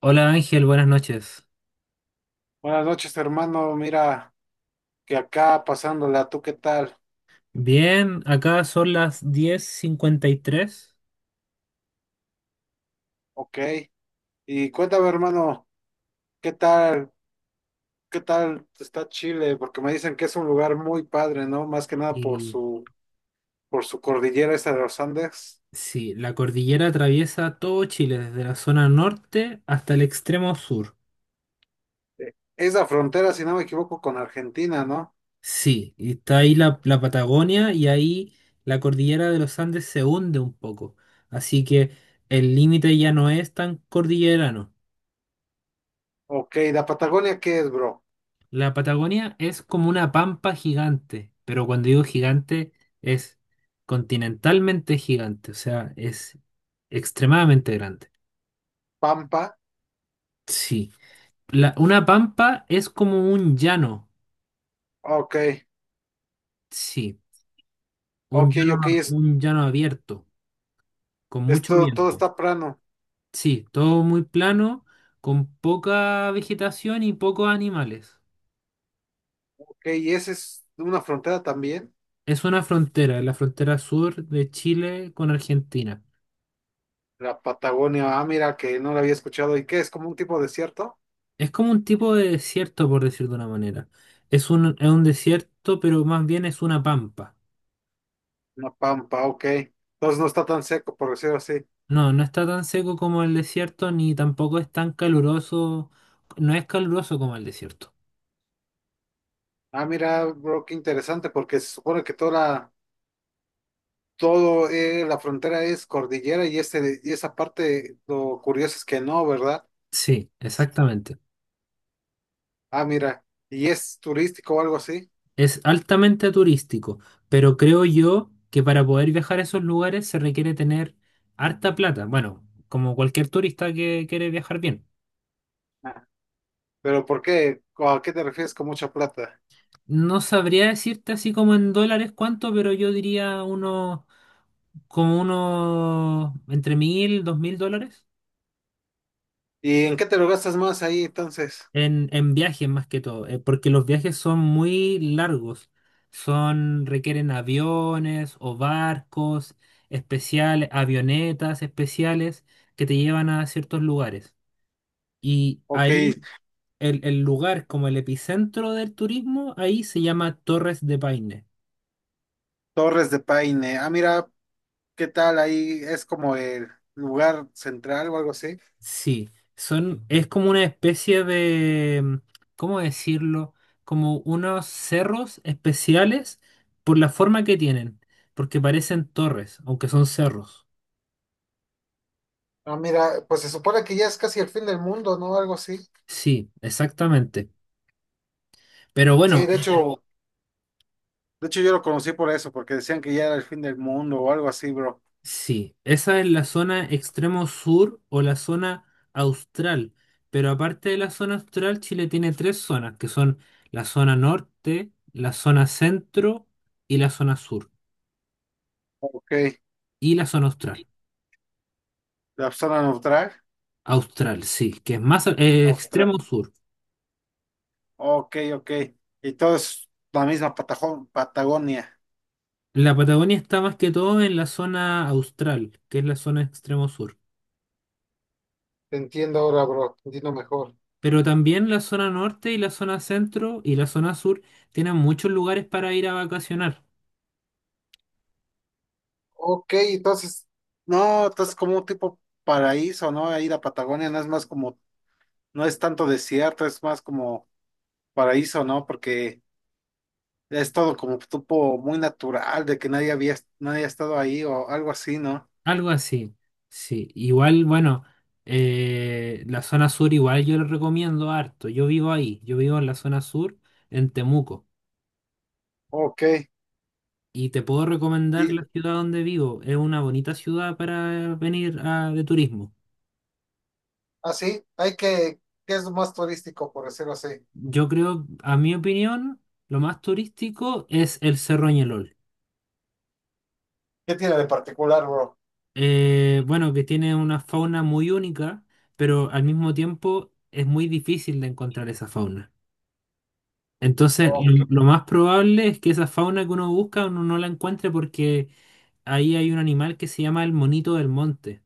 Hola Ángel, buenas noches. Buenas noches, hermano. Mira, que acá pasándola, ¿tú qué tal? Bien, acá son las 10:53 Ok. Y cuéntame, hermano, ¿qué tal? ¿Qué tal está Chile? Porque me dicen que es un lugar muy padre, ¿no? Más que nada por y tres y su, por su cordillera esta de los Andes. sí, la cordillera atraviesa todo Chile, desde la zona norte hasta el extremo sur. Es la frontera, si no me equivoco, con Argentina, ¿no? Sí, y está ahí la Patagonia y ahí la cordillera de los Andes se hunde un poco. Así que el límite ya no es tan cordillerano. Ok, ¿la Patagonia qué es, bro? La Patagonia es como una pampa gigante, pero cuando digo gigante es continentalmente gigante, o sea, es extremadamente grande. ¿Pampa? Sí. Una pampa es como un llano, Ok, sí, un ok, llano, ok, es, un llano abierto, con mucho esto todo viento. está plano. Sí, todo muy plano, con poca vegetación y pocos animales. Ok, ¿y esa es una frontera también? Es una frontera, la frontera sur de Chile con Argentina. La Patagonia, ah, mira, que no la había escuchado. ¿Y qué? ¿Es como un tipo desierto? Es como un tipo de desierto, por decir de una manera. Es un desierto, pero más bien es una pampa. Una pampa, ok. Entonces no está tan seco, por decirlo así. No, no está tan seco como el desierto, ni tampoco es tan caluroso. No es caluroso como el desierto. Ah, mira, bro, qué interesante, porque se supone que toda la, todo, la frontera es cordillera y, este, y esa parte, lo curioso es que no, ¿verdad? Sí, exactamente. Ah, mira, y es turístico o algo así. Es altamente turístico, pero creo yo que para poder viajar a esos lugares se requiere tener harta plata. Bueno, como cualquier turista que quiere viajar bien. Ah. Pero ¿por qué? ¿O ¿A qué te refieres con mucha plata? No sabría decirte así como en dólares cuánto, pero yo diría unos, como unos entre 1.000, 2.000 dólares ¿Y en qué te lo gastas más ahí entonces? en viajes más que todo, porque los viajes son muy largos, son, requieren aviones o barcos especiales, avionetas especiales que te llevan a ciertos lugares. Y Ok, ahí el lugar como el epicentro del turismo, ahí se llama Torres de Paine. Torres de Paine. Ah, mira, ¿qué tal ahí? Es como el lugar central o algo así. Sí, son, es como una especie de, ¿cómo decirlo? Como unos cerros especiales por la forma que tienen, porque parecen torres, aunque son cerros. Ah, mira, pues se supone que ya es casi el fin del mundo, ¿no? Algo así. Sí, exactamente. Pero Sí, bueno, de hecho yo lo conocí por eso, porque decían que ya era el fin del mundo o algo así, bro. sí, esa es la zona extremo sur o la zona austral. Pero aparte de la zona austral, Chile tiene tres zonas, que son la zona norte, la zona centro y la zona sur, Ok, y la zona austral. la zona neutral, Austral, sí, que es más Australia. extremo sur. Ok, ok. Y todo es la misma Patajo- Patagonia. La Patagonia está más que todo en la zona austral, que es la zona extremo sur. Te entiendo ahora, bro, te entiendo mejor. Pero también la zona norte y la zona centro y la zona sur tienen muchos lugares para ir a vacacionar. Ok, entonces, no, entonces como un tipo paraíso, ¿no? Ahí la Patagonia no es más como, no es tanto desierto, es más como paraíso, ¿no? Porque es todo como tipo muy natural, de que nadie había, nadie ha estado ahí o algo así, ¿no? Algo así, sí. Igual, bueno, la zona sur igual yo le recomiendo harto. Yo vivo ahí, yo vivo en la zona sur, en Temuco. Ok. Y te puedo recomendar Y la ciudad donde vivo. Es una bonita ciudad para de turismo. así, hay que, ¿qué es lo más turístico, por decirlo así? Yo creo, a mi opinión, lo más turístico es el Cerro Ñelol. ¿Qué tiene de particular, bro? Bueno, que tiene una fauna muy única, pero al mismo tiempo es muy difícil de encontrar esa fauna. Entonces, Ok. Lo más probable es que esa fauna que uno busca uno no la encuentre porque ahí hay un animal que se llama el monito del monte.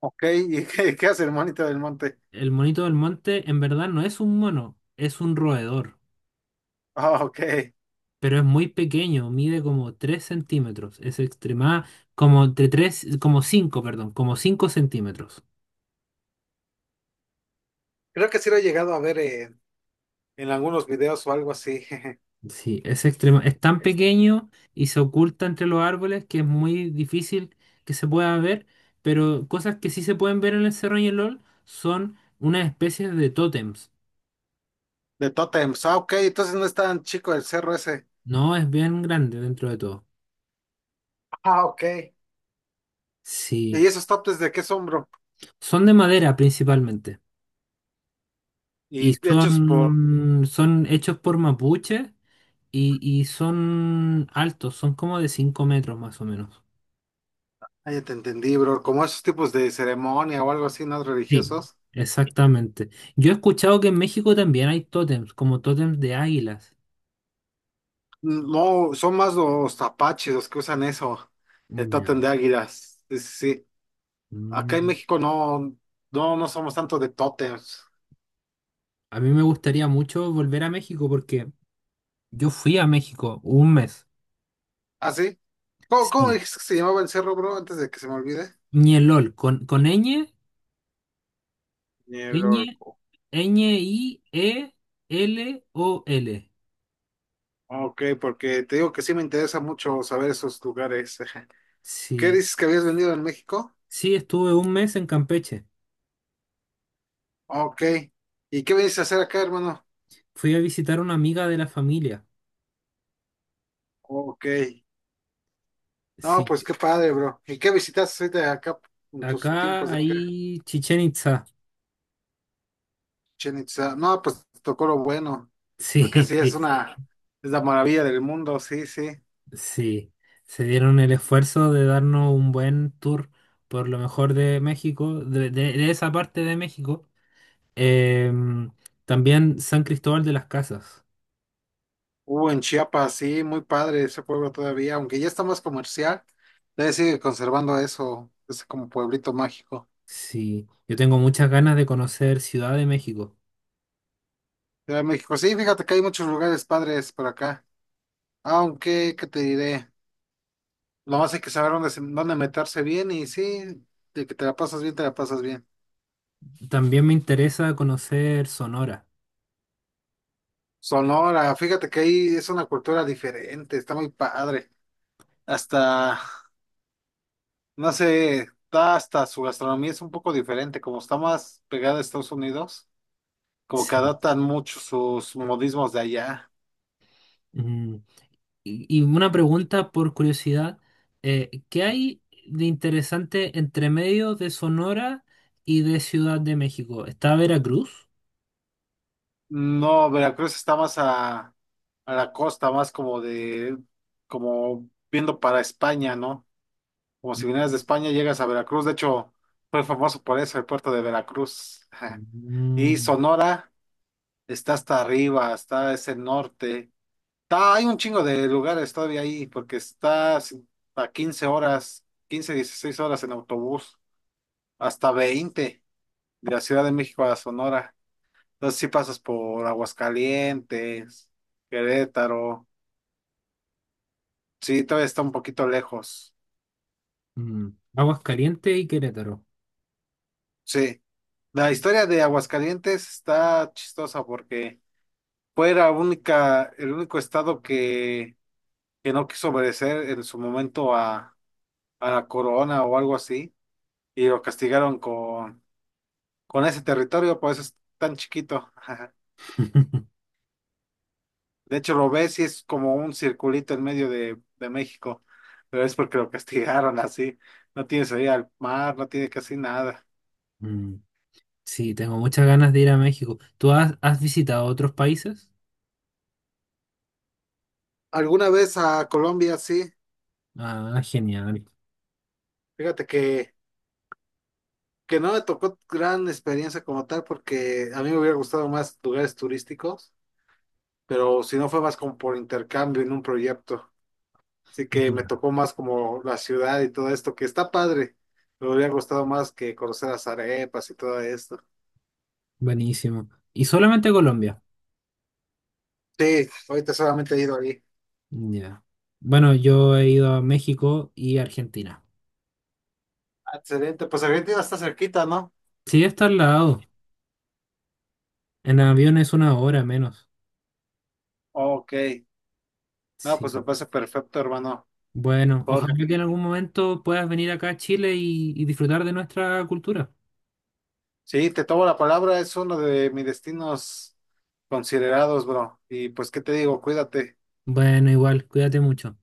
Ok, ¿y qué, qué hace el monito del monte? El monito del monte en verdad no es un mono, es un roedor. Ah, ok. Pero es muy pequeño, mide como 3 centímetros, es extrema, como entre 3 como 5, perdón, como 5 centímetros. Creo que sí lo he llegado a ver en algunos videos o algo así. Sí, es extrema, es tan pequeño y se oculta entre los árboles que es muy difícil que se pueda ver, pero cosas que sí se pueden ver en el Cerro LOL son unas especies de tótems. De tótems. Ah, ok, entonces no es tan chico el cerro ese. No, es bien grande dentro de todo. Ah, ok. Sí, ¿Y esos tótems de qué son, bro? son de madera principalmente y Y hechos por. son, son hechos por mapuches. Y son altos, son como de 5 metros más o menos. Ah, ya te entendí, bro. Como esos tipos de ceremonia o algo así, ¿no? Sí. Religiosos. Exactamente. Yo he escuchado que en México también hay tótems, como tótems de águilas. No, son más los apaches los que usan eso, el Ya. tótem de águilas. Sí, sí, sí. Acá en Mm. México no, no, no somos tanto de tótems. A mí me gustaría mucho volver a México porque yo fui a México un mes. ¿Ah, sí? ¿Cómo, cómo Sí. dijiste que se llamaba el cerro, bro, antes de que se me olvide? Ñelol, con ñ, Ni el ñ, Orco. ñ, i, e, l, o, l. Ok, porque te digo que sí me interesa mucho saber esos lugares. ¿Qué Sí. dices que habías venido en México? Sí, estuve un mes en Campeche. Ok. ¿Y qué vienes a hacer acá, hermano? Fui a visitar a una amiga de la familia. Ok. No, Sí. pues qué padre, bro. ¿Y qué visitas ahorita acá en tus Acá tiempos de acá? hay Chichen Itza. Chichén Itzá. No, pues tocó lo bueno, porque Sí, sí, es sí, una, es la maravilla del mundo, sí, sí. sí. Se dieron el esfuerzo de darnos un buen tour por lo mejor de México, de, de esa parte de México. Em, También San Cristóbal de las Casas. Hubo en Chiapas, sí, muy padre ese pueblo todavía, aunque ya está más comercial, todavía sigue conservando eso, ese como pueblito mágico. Sí, yo tengo muchas ganas de conocer Ciudad de México. Ciudad de México, sí, fíjate que hay muchos lugares padres por acá, aunque, ¿qué te diré? Lo más hay que saber dónde, se- dónde meterse bien y sí, de que te la pasas bien, te la pasas bien. También me interesa conocer Sonora. Sonora, fíjate que ahí es una cultura diferente, está muy padre. Hasta, no sé, está hasta su gastronomía es un poco diferente, como está más pegada a Estados Unidos, como que Sí. adaptan mucho sus modismos de allá. Mm. Y una pregunta por curiosidad, ¿qué hay de interesante entre medio de Sonora y de Ciudad de México? ¿Está Veracruz? No, Veracruz está más a la costa, más como de, como viendo para España, ¿no? Como si vinieras de España, llegas a Veracruz. De hecho, fue famoso por eso, el puerto de Veracruz. Y Mm, Sonora. Está hasta arriba, está ese norte. Está, hay un chingo de lugares todavía ahí, porque está si, a 15 horas, 15 16 horas en autobús, hasta 20 de la Ciudad de México a la Sonora. Entonces sí pasas por Aguascalientes, Querétaro. Sí, todavía está un poquito lejos. mm, Aguascalientes y Querétaro. Sí. La historia de Aguascalientes está chistosa porque fue la única, el único estado que no quiso obedecer en su momento a la corona o algo así, y lo castigaron con ese territorio, por eso es tan chiquito. De hecho, lo ves y es como un circulito en medio de México, pero es porque lo castigaron así. No tiene salida al mar, no tiene casi nada. Mm, sí, tengo muchas ganas de ir a México. ¿Tú has visitado otros países? Alguna vez a Colombia, sí. Ah, genial. Fíjate que no me tocó gran experiencia como tal, porque a mí me hubiera gustado más lugares turísticos, pero si no fue más como por intercambio en un proyecto. Así que me Ya, tocó más como la ciudad y todo esto, que está padre. Me hubiera gustado más que conocer las arepas y todo esto. buenísimo. ¿Y solamente Colombia? Sí, ahorita solamente he ido ahí. Ya. Bueno, yo he ido a México y Argentina. Excelente, pues Argentina está cerquita, ¿no? Sí, está al lado. En avión es una hora menos. Ok, no, pues me Sí. parece perfecto, hermano. Bueno, Por... ojalá que en algún momento puedas venir acá a Chile y disfrutar de nuestra cultura. Sí, te tomo la palabra, es uno de mis destinos considerados, bro. Y pues, ¿qué te digo? Cuídate. Bueno, igual, cuídate mucho.